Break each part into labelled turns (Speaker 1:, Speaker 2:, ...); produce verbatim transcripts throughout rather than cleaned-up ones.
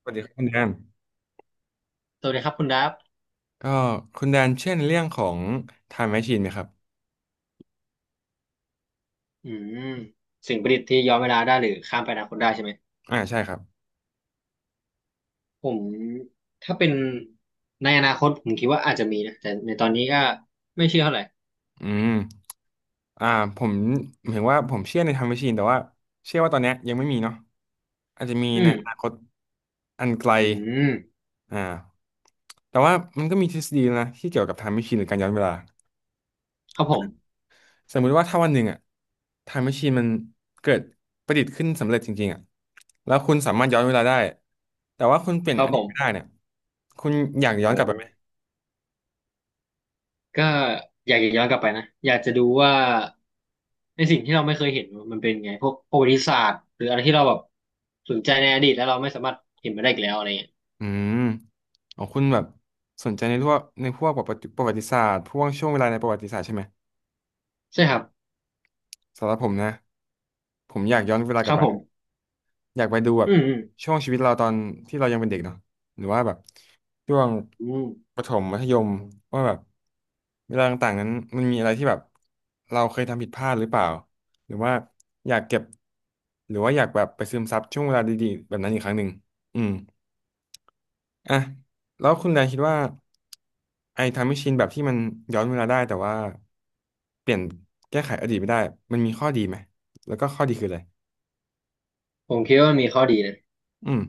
Speaker 1: สวัสดีครับคุณแดน
Speaker 2: สวัสดีครับคุณดับ
Speaker 1: ก็คุณแดนเช่นเรื่องของ Time Machine ไหมครับ
Speaker 2: อืมสิ่งประดิษฐ์ที่ย้อนเวลาได้หรือข้ามไปอนาคตได้ใช่ไหม
Speaker 1: อ่าใช่ครับ
Speaker 2: ผมถ้าเป็นในอนาคตผมคิดว่าอาจจะมีนะแต่ในตอนนี้ก็ไม่เชื่อเท่าไหร่
Speaker 1: อืมอ่าผมหมายถึงว่าผมเชื่อใน Time Machine แต่ว่าเชื่อว่าตอนเนี้ยยังไม่มีเนาะอาจจะมี
Speaker 2: อื
Speaker 1: ใน
Speaker 2: ม
Speaker 1: อนาคตอันไกล
Speaker 2: อืม
Speaker 1: อ่าแต่ว่ามันก็มีทฤษฎีนะที่เกี่ยวกับ Time Machine หรือการย้อนเวลา
Speaker 2: ครับผม
Speaker 1: สมมุติว่าถ้าวันหนึ่งอะ Time Machine มันเกิดประดิษฐ์ขึ้นสำเร็จจริงๆอะแล้วคุณสามารถย้อนเวลาได้แต่ว่าคุณเปลี่ยน
Speaker 2: ครั
Speaker 1: อ
Speaker 2: บผ
Speaker 1: ดีตไม่ได้
Speaker 2: ม
Speaker 1: เนี่ยคุณอยากย้อ
Speaker 2: โอ้
Speaker 1: นกลับไปไหม
Speaker 2: ก็อยากจะย้อนกลับไปนะอยากจะดูว่าในสิ่งที่เราไม่เคยเห็นมันเป็นไงพวกประวัติศาสตร์หรืออะไรที่เราแบบสนใจในอดีตแล้วเราไม่สามารถเห็นมาได้อีกแล้วอะไรเงี้ย
Speaker 1: อืมอ๋อคุณแบบสนใจในพวกในพวกประวัติประวัติศาสตร์พวกช่วงเวลาในประวัติศาสตร์ใช่ไหม
Speaker 2: ใช่ครับ
Speaker 1: สำหรับผมนะผมอยากย้อนเวลาก
Speaker 2: ค
Speaker 1: ลั
Speaker 2: รั
Speaker 1: บ
Speaker 2: บ
Speaker 1: ไป
Speaker 2: ผม
Speaker 1: นะอยากไปดูแบบ
Speaker 2: อืมอืม
Speaker 1: ช่วงชีวิตเราตอนที่เรายังเป็นเด็กเนาะหรือว่าแบบช่วง
Speaker 2: อืม
Speaker 1: ประถมมัธยมว่าแบบเวลาต่างๆนั้นมันมีอะไรที่แบบเราเคยทำผิดพลาดหรือเปล่าหรือว่าอยากเก็บหรือว่าอยากแบบไปซึมซับช่วงเวลาดีๆแบบนั้นอีกครั้งหนึ่งอืม อ่ะแล้วคุณแดนคิดว่าไอ้ไทม์แมชชีนแบบที่มันย้อนเวลาได้แต่ว่าเปลี่ยนแก้ไขอดีตไม่ได้มันมีข้อดีไหมแล้วก็ข้อดีคืออะไร
Speaker 2: ผมคิดว่ามมีข้อดีนะ
Speaker 1: อืม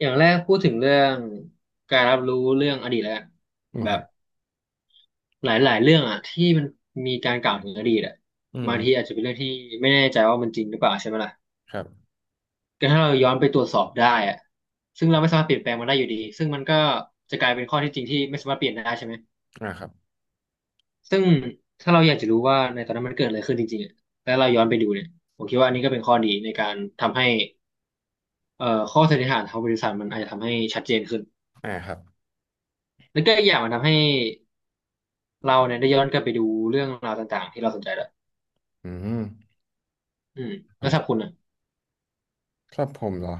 Speaker 2: อย่างแรกพูดถึงเรื่องการรับรู้เรื่องอดีตแล้วกัน
Speaker 1: อืม
Speaker 2: แบ
Speaker 1: ครั
Speaker 2: บ
Speaker 1: บ
Speaker 2: หลายๆเรื่องอ่ะที่มันมีการกล่าวถึงอดีตอ่ะ
Speaker 1: อืม
Speaker 2: บา
Speaker 1: อื
Speaker 2: ง
Speaker 1: ม
Speaker 2: ทีอาจจะเป็นเรื่องที่ไม่แน่ใจว่ามันจริงหรือเปล่าใช่ไหมล่ะ
Speaker 1: ครับ
Speaker 2: ก็ถ้าเราย้อนไปตรวจสอบได้อ่ะซึ่งเราไม่สามารถเปลี่ยนแปลงมันได้อยู่ดีซึ่งมันก็จะกลายเป็นข้อที่จริงที่ไม่สามารถเปลี่ยนได้ใช่ไหม
Speaker 1: อ่าครับ
Speaker 2: ซึ่งถ้าเราอยากจะรู้ว่าในตอนนั้นมันเกิดอะไรขึ้นจริงๆอะแล้วเราย้อนไปดูเนี่ยผมคิดว่าอันนี้ก็เป็นข้อดีในการทำให้เอ่อข้อสันนิษฐานทางวิทยาศาสตร์มันอาจจะทำให้ชัดเจนขึ้น
Speaker 1: อ่าครับ
Speaker 2: แล้วก็อีกอย่างมันทำให้ เราเนี่ยได้ย้อนกลับไปดูเรื่องราวต่างๆที่เราสนใจแล้ว
Speaker 1: อืม
Speaker 2: อืม
Speaker 1: ถู
Speaker 2: แล้ว
Speaker 1: ก
Speaker 2: สำหรั
Speaker 1: ต้
Speaker 2: บ
Speaker 1: อง
Speaker 2: คุณอ่ะ
Speaker 1: ครับผมเหรอ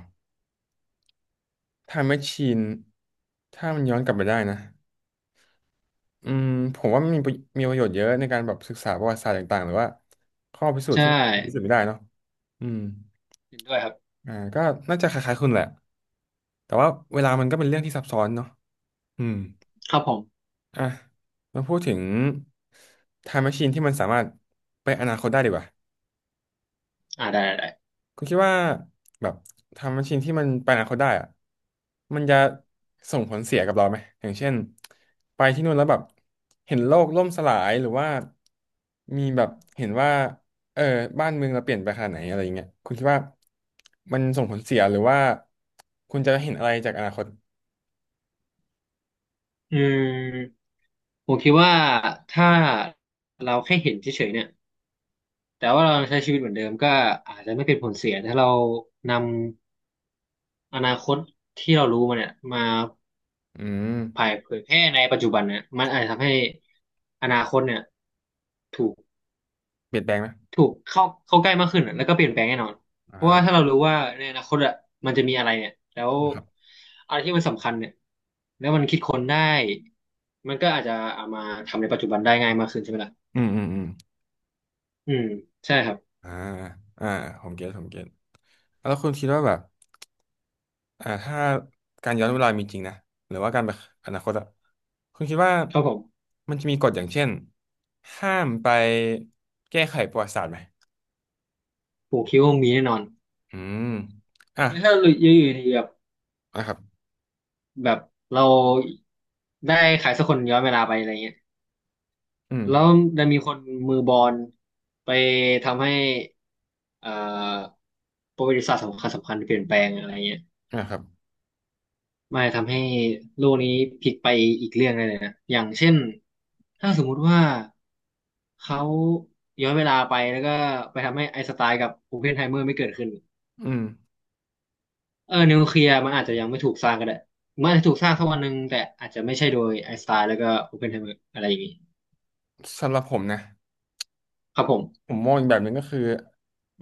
Speaker 1: ไทม์แมชชีนถ้ามันย้อนกลับไปได้นะอืมผมว่ามันมีประมีประโยชน์เยอะในการแบบศึกษาประวัติศาสตร์ต่างๆหรือว่าข้อพิสูจน์
Speaker 2: ใช่
Speaker 1: ที่มันพิสูจน์ไม่ได้เนาะอืม
Speaker 2: เห็นด้วยครับ
Speaker 1: อ่าก็น่าจะคล้ายๆคุณแหละแต่ว่าเวลามันก็เป็นเรื่องที่ซับซ้อนเนาะอืม
Speaker 2: ครับผม
Speaker 1: อ่ะมาพูดถึง Time Machine ที่มันสามารถไปอนาคตได้ดีกว่า
Speaker 2: อ่าได้ได้ได้
Speaker 1: คุณคิดว่าแบบ Time Machine ที่มันไปอนาคตได้อะมันจะส่งผลเสียกับเราไหมอย่างเช่นไปที่นู่นแล้วแบบเห็นโลกล่มสลายหรือว่ามีแบบเห็นว่าเออบ้านเมืองเราเปลี่ยนไปขนาดไหนอะไรอย่างเงี้ยคุณคิดว่ามันส่งผลเสียหรือว่าคุณจะเห็นอะไรจากอนาคต
Speaker 2: อืมผมคิดว่าถ้าเราแค่เห็นเฉยๆเนี่ยแต่ว่าเราใช้ชีวิตเหมือนเดิมก็อาจจะไม่เป็นผลเสีย ถ้าเรานำอนาคตที่เรารู้มาเนี่ยมา
Speaker 1: อืม
Speaker 2: เผยแพร่ในปัจจุบันเนี่ยมันอาจจะทำให้อนาคตเนี่ย
Speaker 1: เปลี่ยนแปลงไหม
Speaker 2: ถูกเข้าเข้าใกล้มากขึ้นอะแล้วก็เปลี่ยนแปลงแน่นอน
Speaker 1: อ่
Speaker 2: เพราะว่า
Speaker 1: า
Speaker 2: ถ้าเรารู้ว่าในอนาคตอะมันจะมีอะไรเนี่ยแล้ว
Speaker 1: ครับ
Speaker 2: อะไรที่มันสำคัญเนี่ยแล้วมันคิดค้นได้มันก็อาจจะเอามาทำในปัจจุบันได้ง่ายมากขึ้นใช่ไหมล่ะ
Speaker 1: อืมอืมอืม
Speaker 2: อืมใช่ครับ
Speaker 1: อ่าอ่าผมเก็ตผมเก็ตแล้วคุณคิดว่าแบบอ่าถ้าการย้อนเวลามีจริงนะหรือว่าการไปอนาคตอะคุณคิดว่า
Speaker 2: ครับผม
Speaker 1: มันจะมีกฎอย่างเช่นห้ามไปแก้ไขประวัติศาสตร์ไหม
Speaker 2: ผมคิดว่ามีแน่นอน
Speaker 1: อืมอ่ะ
Speaker 2: แล้วถ้าอยู่อยู่ดีแบบ
Speaker 1: นะครับ
Speaker 2: แบบเราได้ขายสักคนย้อนเวลาไปอะไรเงี้ย
Speaker 1: อืม
Speaker 2: แล้วจะมีคนมือบอลไปทำให้เอ่อประวัติศาสตร์สำคัญสำคัญเปลี่ยนแปลงอะไรเงี้ย
Speaker 1: นะครับ
Speaker 2: ไม่ทำให้โลกนี้พลิกไปอีกเรื่องได้เลยนะ อย่างเช่น ถ้าสมมุติว่าเขาย้อนเวลาไปแล้วก็ไปทำให้ไอน์สไตน์กับโอเพนไฮเมอร์ไม่เกิดขึ้น
Speaker 1: อืม
Speaker 2: เออนิวเคลียร์มันอาจจะยังไม่ถูกสร้างก็ได้มันอาจจะถูกสร้างสักวันหนึ่งแต่อาจจะไม่ใช่โดยไอน์สไตน์แล้วก็โอเพนไฮเมอร์อะไรอย่างนี้
Speaker 1: สำหรับผมนะ
Speaker 2: ครับผ
Speaker 1: ผ
Speaker 2: ม
Speaker 1: มมองอีกแบบหนึ่งก็คือ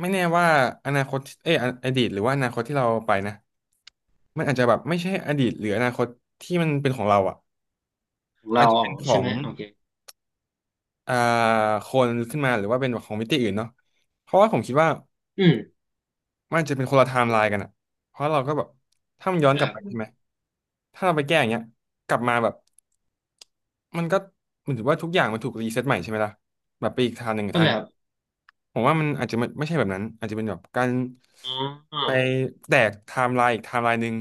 Speaker 1: ไม่แน่ว่าอนาคตเอยออดีตหรือว่าอนาคตที่เราไปนะมันอาจจะแบบไม่ใช่อดีตหรืออนาคตที่มันเป็นของเราอ่ะ
Speaker 2: ของ
Speaker 1: อาจ
Speaker 2: เรา
Speaker 1: จะ
Speaker 2: ออ
Speaker 1: เป็
Speaker 2: ก
Speaker 1: นข
Speaker 2: ใช่
Speaker 1: อ
Speaker 2: ไห
Speaker 1: ง
Speaker 2: มโอเค
Speaker 1: อ่าคนขึ้นมาหรือว่าเป็นของมิติอื่นเนาะเพราะว่าผมคิดว่า
Speaker 2: อืม
Speaker 1: มันอาจจะเป็นคนละไทม์ไลน์กันอ่ะเพราะเราก็แบบถ้ามันย้
Speaker 2: เข้า
Speaker 1: อ
Speaker 2: ใจ
Speaker 1: นกลั
Speaker 2: ค
Speaker 1: บ
Speaker 2: รั
Speaker 1: ไปใช่
Speaker 2: บ
Speaker 1: ไหมถ้าเราไปแก้อย่างเงี้ยกลับมาแบบมันก็เหมือนถือว่าทุกอย่างมันถูกรีเซ็ตใหม่ใช่ไหมล่ะแบบไปอีกทางหนึ่ง
Speaker 2: เข้า
Speaker 1: ทา
Speaker 2: ใจ
Speaker 1: ง
Speaker 2: ครับ
Speaker 1: ผมว่ามันอาจจะไม่ไม่ใช่แบบนั้นอาจจะเป็นแบบการ
Speaker 2: อ๋อ
Speaker 1: ไปแตกไทม์ไลน์อีกไทม์ไลน์หนึ่ง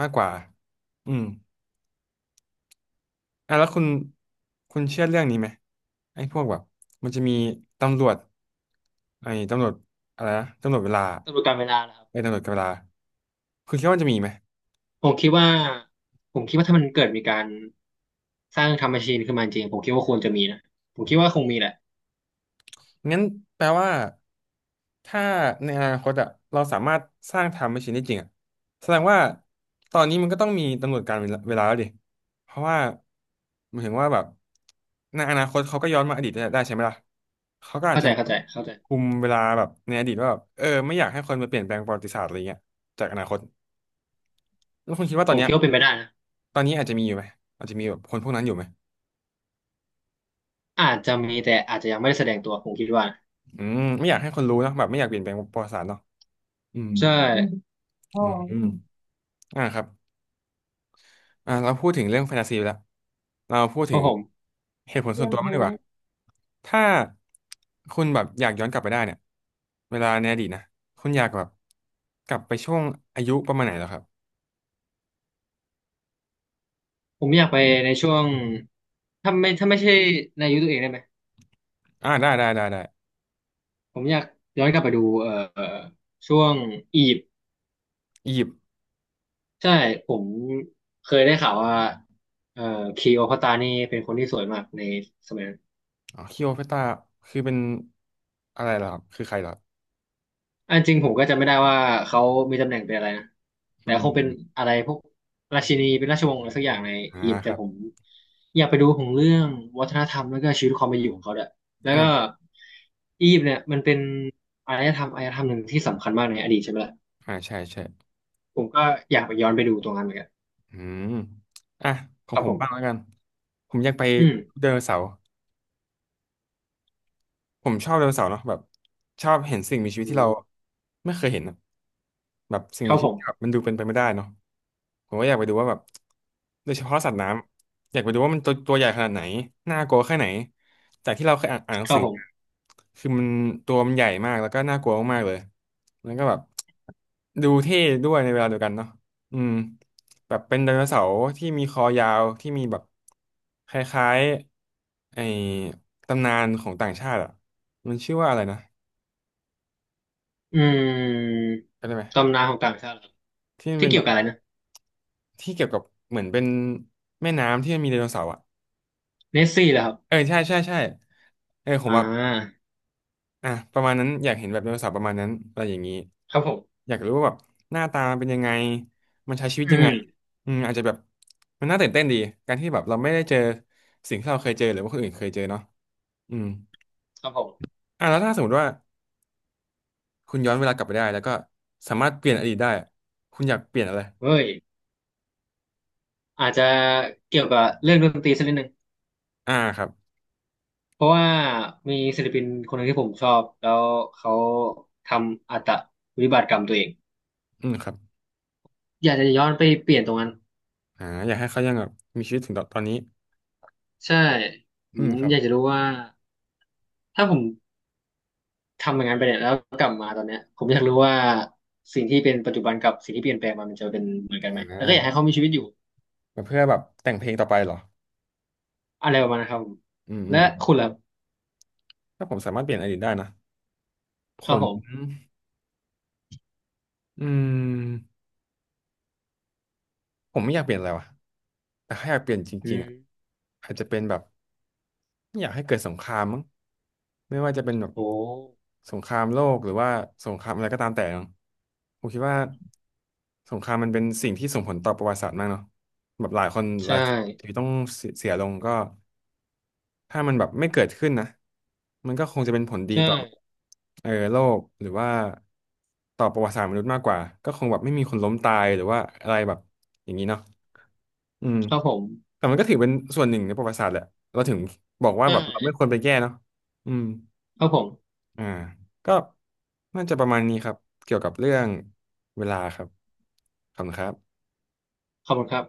Speaker 1: มากกว่าอืมอ่ะแล้วคุณคุณเชื่อเรื่องนี้ไหมไอ้พวกแบบมันจะมีตำรวจไอ้ตำรวจอะไรนะตำรวจเวลา
Speaker 2: ตำรวจการเวลานะครับ
Speaker 1: ไอ้ตำรวจกับเวลาคุณคิดว่ามันจะมีไหม
Speaker 2: ผมคิดว่าผมคิดว่าถ้ามันเกิดมีการสร้างทำแมชชีนขึ้นมาจริงผมคิดว่าควรจะมีนะผมคิดว่าคงมีแหละ
Speaker 1: งั้นแปลว่าถ้าในอนาคตอะเราสามารถสร้างไทม์แมชชีนได้จริงอะแสดงว่าตอนนี้มันก็ต้องมีกำหนดการเวลาเวลาแล้วดิเพราะว่าหมายถึงว่าแบบในอนาคตเขาก็ย้อนมาอดีตได้
Speaker 2: อืม
Speaker 1: ได้ใช่ไหมล่ะเขาก็อาจ
Speaker 2: เข้า
Speaker 1: จะ
Speaker 2: ใจ
Speaker 1: มา
Speaker 2: เข้าใจเข้าใจ
Speaker 1: คุมเวลาแบบในอดีตว่าแบบเออไม่อยากให้คนมาเปลี่ยนแปลงประวัติศาสตร์อะไรเงี้ยจากอนาคตแล้วคุณคิดว่าต
Speaker 2: ผ
Speaker 1: อน
Speaker 2: ม
Speaker 1: เนี้
Speaker 2: คิ
Speaker 1: ย
Speaker 2: ดว่าเป็นไปได้นะ
Speaker 1: ตอนนี้อาจจะมีอยู่ไหมอาจจะมีแบบคนพวกนั้นอยู่ไหม
Speaker 2: อาจจะมีแต่อาจจะยังไม่ได้แสดงตัวผมคิดว่า
Speaker 1: อืมไม่อยากให้คนรู้เนอะแบบไม่อยากเปลี่ยนแปลงประวัติศาสตร์เนาะอืม
Speaker 2: ใช่อ๋อ
Speaker 1: อืมอมอ่าครับ อ่าเราพูดถึงเรื่องแฟนตาซีไปแล้วเราพูด
Speaker 2: เพ
Speaker 1: ถึ
Speaker 2: ราะ
Speaker 1: ง
Speaker 2: ผม
Speaker 1: เหตุผล
Speaker 2: เพื่
Speaker 1: ส่วน
Speaker 2: อน
Speaker 1: ตัวม้าก
Speaker 2: เพ้อ
Speaker 1: ดีกว่าถ้าคุณแบบอยากย้อนกลับไปได้เนี่ยเวลาในอดีตนะคุณอยากแบบกลับไปช่วงอายุประมาณไหนเหรอครับ
Speaker 2: ผมอยากไปในช่วงถ้าไม่ถ้าไม่ใช่ในยุคตัวเองได้ไหม
Speaker 1: อ่าได้ได้ได้ได้
Speaker 2: ผมอยากย้อนกลับไปดูเอ่อช่วงอียิปต์
Speaker 1: อียิปต์
Speaker 2: ใช่ผมเคยได้ข่าวว่าเอ่อคลีโอพัตรานี่เป็นคนที่สวยมากในสมัยนั้น
Speaker 1: อ๋อคลีโอพัตราคือเป็นอะไรเหรอครับคือใครเหรอ
Speaker 2: อันจริงผมก็จำไม่ได้ว่าเขามีตำแหน่งเป็นอะไรนะ
Speaker 1: อื
Speaker 2: แต่
Speaker 1: ม
Speaker 2: ค
Speaker 1: อ
Speaker 2: งเป็น
Speaker 1: ม
Speaker 2: อะไรพวกราชินีเป็นราชวงศ์อะไรสักอย่างใน
Speaker 1: อ่า
Speaker 2: อียิปต์
Speaker 1: ค
Speaker 2: แต่
Speaker 1: รับ
Speaker 2: ผมอยากไปดูของเรื่องวัฒนธรรมแล้วก็ชีวิตความเป็นอยู่ของเขาด้วยแล้วก็
Speaker 1: อ่า
Speaker 2: อียิปต์เนี่ยมันเป็นอารยธรรมอารยธรรมหนึ่งที่สำคัญมากในอดีตใช่ไหมล่ะ
Speaker 1: อ่าใช่ใช่
Speaker 2: ผมก็อยากไปย้อนไปดูตรงนั้นเหมือนกัน
Speaker 1: อืมอ่ะขอ
Speaker 2: ค
Speaker 1: ง
Speaker 2: รับ
Speaker 1: ผ
Speaker 2: ผ
Speaker 1: มบ้างแล้ว
Speaker 2: ม
Speaker 1: กัน ผมอยากไป
Speaker 2: อืม
Speaker 1: เดินนเสาร์ ผมชอบไดโนเสาร์เนาะแบบชอบเห็นสิ่งมีชีวิต
Speaker 2: อื
Speaker 1: ที่เรา
Speaker 2: ม
Speaker 1: ไม่เคยเห็นอะแบบสิ่ง
Speaker 2: ค
Speaker 1: มี
Speaker 2: รับ
Speaker 1: ชี
Speaker 2: ผ
Speaker 1: วิต
Speaker 2: ม
Speaker 1: ที่แบบมันดูเป็นไปไม่ได้เนาะผมก็อยากไปดูว่าแบบโดยเฉพาะสัตว์น้ำอยากไปดูว่ามันตัวตัวใหญ่ขนาดไหนน่ากลัวแค่ไหนจากที่เราเคยอ่านอ่านหนั
Speaker 2: ค
Speaker 1: ง
Speaker 2: รั
Speaker 1: สื
Speaker 2: บ
Speaker 1: อ
Speaker 2: ผม
Speaker 1: มาคือมันตัวมันใหญ่มากแล้วก็น่ากลัวมากๆเลยแล้วก็แบบดูเท่ด้วยในเวลาเดียวกันเนาะอืมแบบเป็นไดโนเสาร์ที่มีคอยาวที่มีแบบคล้ายๆไอ้ตำนานของต่างชาติอะ มันชื่อว่าอะไรนะ
Speaker 2: อืม
Speaker 1: จำได้ไหม
Speaker 2: ตำนานของต่างชาติเหรอ
Speaker 1: ที่มัน
Speaker 2: ที่
Speaker 1: เป็น
Speaker 2: เกี่
Speaker 1: แบ
Speaker 2: ยว
Speaker 1: บ
Speaker 2: กับอะไรนะ
Speaker 1: ที่เกี่ยวกับเหมือนเป็นแม่น้ำที่มันมีไดโนเสาร์อ่ะ
Speaker 2: เนสซี่เหรอครับ
Speaker 1: เออใช่ใช่ใช่เออผ
Speaker 2: อ่
Speaker 1: มแบบ
Speaker 2: า
Speaker 1: อ่ะประมาณนั้นอยากเห็นแบบไดโนเสาร์ประมาณนั้นอะไรอย่างนี้
Speaker 2: ครับผม
Speaker 1: อยากรู้ว่าแบบหน้าตามันเป็นยังไงมันใช้ชีวิต
Speaker 2: อื
Speaker 1: ยัง
Speaker 2: ม
Speaker 1: ไงอืมอาจจะแบบมันน่าตื่นเต้นดีการที่แบบเราไม่ได้เจอสิ่งที่เราเคยเจอหรือว่าคนอื่นเคยเจอเนาะอืม
Speaker 2: ครับผม
Speaker 1: อ่ะแล้วถ้าสมมติว่าคุณย้อนเวลากลับไปได้แล้วก็สามารถเปลี่ยนอดีตได้คุณอยากเปลี่ยนอะไร
Speaker 2: เฮ้ย อาจจะเกี่ยวกับเรื่องดนตรีสักนิดหนึ่ง
Speaker 1: อ่าครับ
Speaker 2: เพราะว่ามีศิลปินคนหนึ่งที่ผมชอบแล้วเขาทำอัตวิบากกรรมตัวเอง
Speaker 1: อืมครับ
Speaker 2: อยากจะย้อนไปเปลี่ยนตรงนั้น
Speaker 1: อ่าอยากให้เขายังแบบมีชีวิตถึงตอนตอนนี้
Speaker 2: ใช่ผ
Speaker 1: อืมค
Speaker 2: ม
Speaker 1: รับ
Speaker 2: อยากจะรู้ว่าถ้าผมทำอย่างนั้นไปเนี่ยแล้วกลับมาตอนเนี้ยผมอยากรู้ว่าสิ่งที่เป็นปัจจุบันกับสิ่งที่เปลี่ยนแปลงมามันจะเป็นเหมือนกัน
Speaker 1: อ่
Speaker 2: ไหมแล้วก็อยากให้
Speaker 1: า
Speaker 2: เขามีชีวิตอยู่
Speaker 1: เพื่อแบบแต่งเพลงต่อไปเหรอ
Speaker 2: อะไรประมาณนั้นครับผม
Speaker 1: อืมอื
Speaker 2: และ
Speaker 1: ม
Speaker 2: คุณล่ะ
Speaker 1: ถ้าผมสามารถเปลี่ยนอดีตได้นะผ
Speaker 2: ครับ
Speaker 1: ม
Speaker 2: ผม
Speaker 1: อืมผมไม่อยากเปลี่ยนอะไรวะแต่ถ้าอยากเปลี่ยนจ
Speaker 2: อื
Speaker 1: ริงๆ
Speaker 2: ม
Speaker 1: อ่ะอาจจะเป็นแบบไม่อยากให้เกิดสงครามมั้งไม่ว่าจะเป็นแบบ
Speaker 2: โอ้
Speaker 1: สงครามโลกหรือว่าสงครามอะไรก็ตามแต่เนาะผมคิดว่าสงครามมันเป็นสิ่งที่ส่งผลต่อประวัติศาสตร์มากเนาะแบบหลายคนห
Speaker 2: ใช่
Speaker 1: ลายชีวิตต้องเสียเสียลงก็ ถ้ามันแบบไม่เกิดขึ้นนะมันก็คงจะเป็นผลดี
Speaker 2: ใช่
Speaker 1: ต่อเออโลกหรือว่าต่อประวัติศาสตร์มนุษย์มากกว่าก็คงแบบไม่มีคนล้มตายหรือว่าอะไรแบบอย่างนี้เนาะอืม
Speaker 2: ครับผม
Speaker 1: แต่มันก็ถือเป็นส่วนหนึ่งในประวัติศาสตร์แหละเราถึงบอกว่า
Speaker 2: ใช่
Speaker 1: แบบเราไม่ควรไปแก้เนาะอืม
Speaker 2: ครับผม
Speaker 1: อ่าก็น่าจะประมาณนี้ครับเกี่ยวกับเรื่องเวลาครับขอบคุณครับ
Speaker 2: ขอบคุณครับ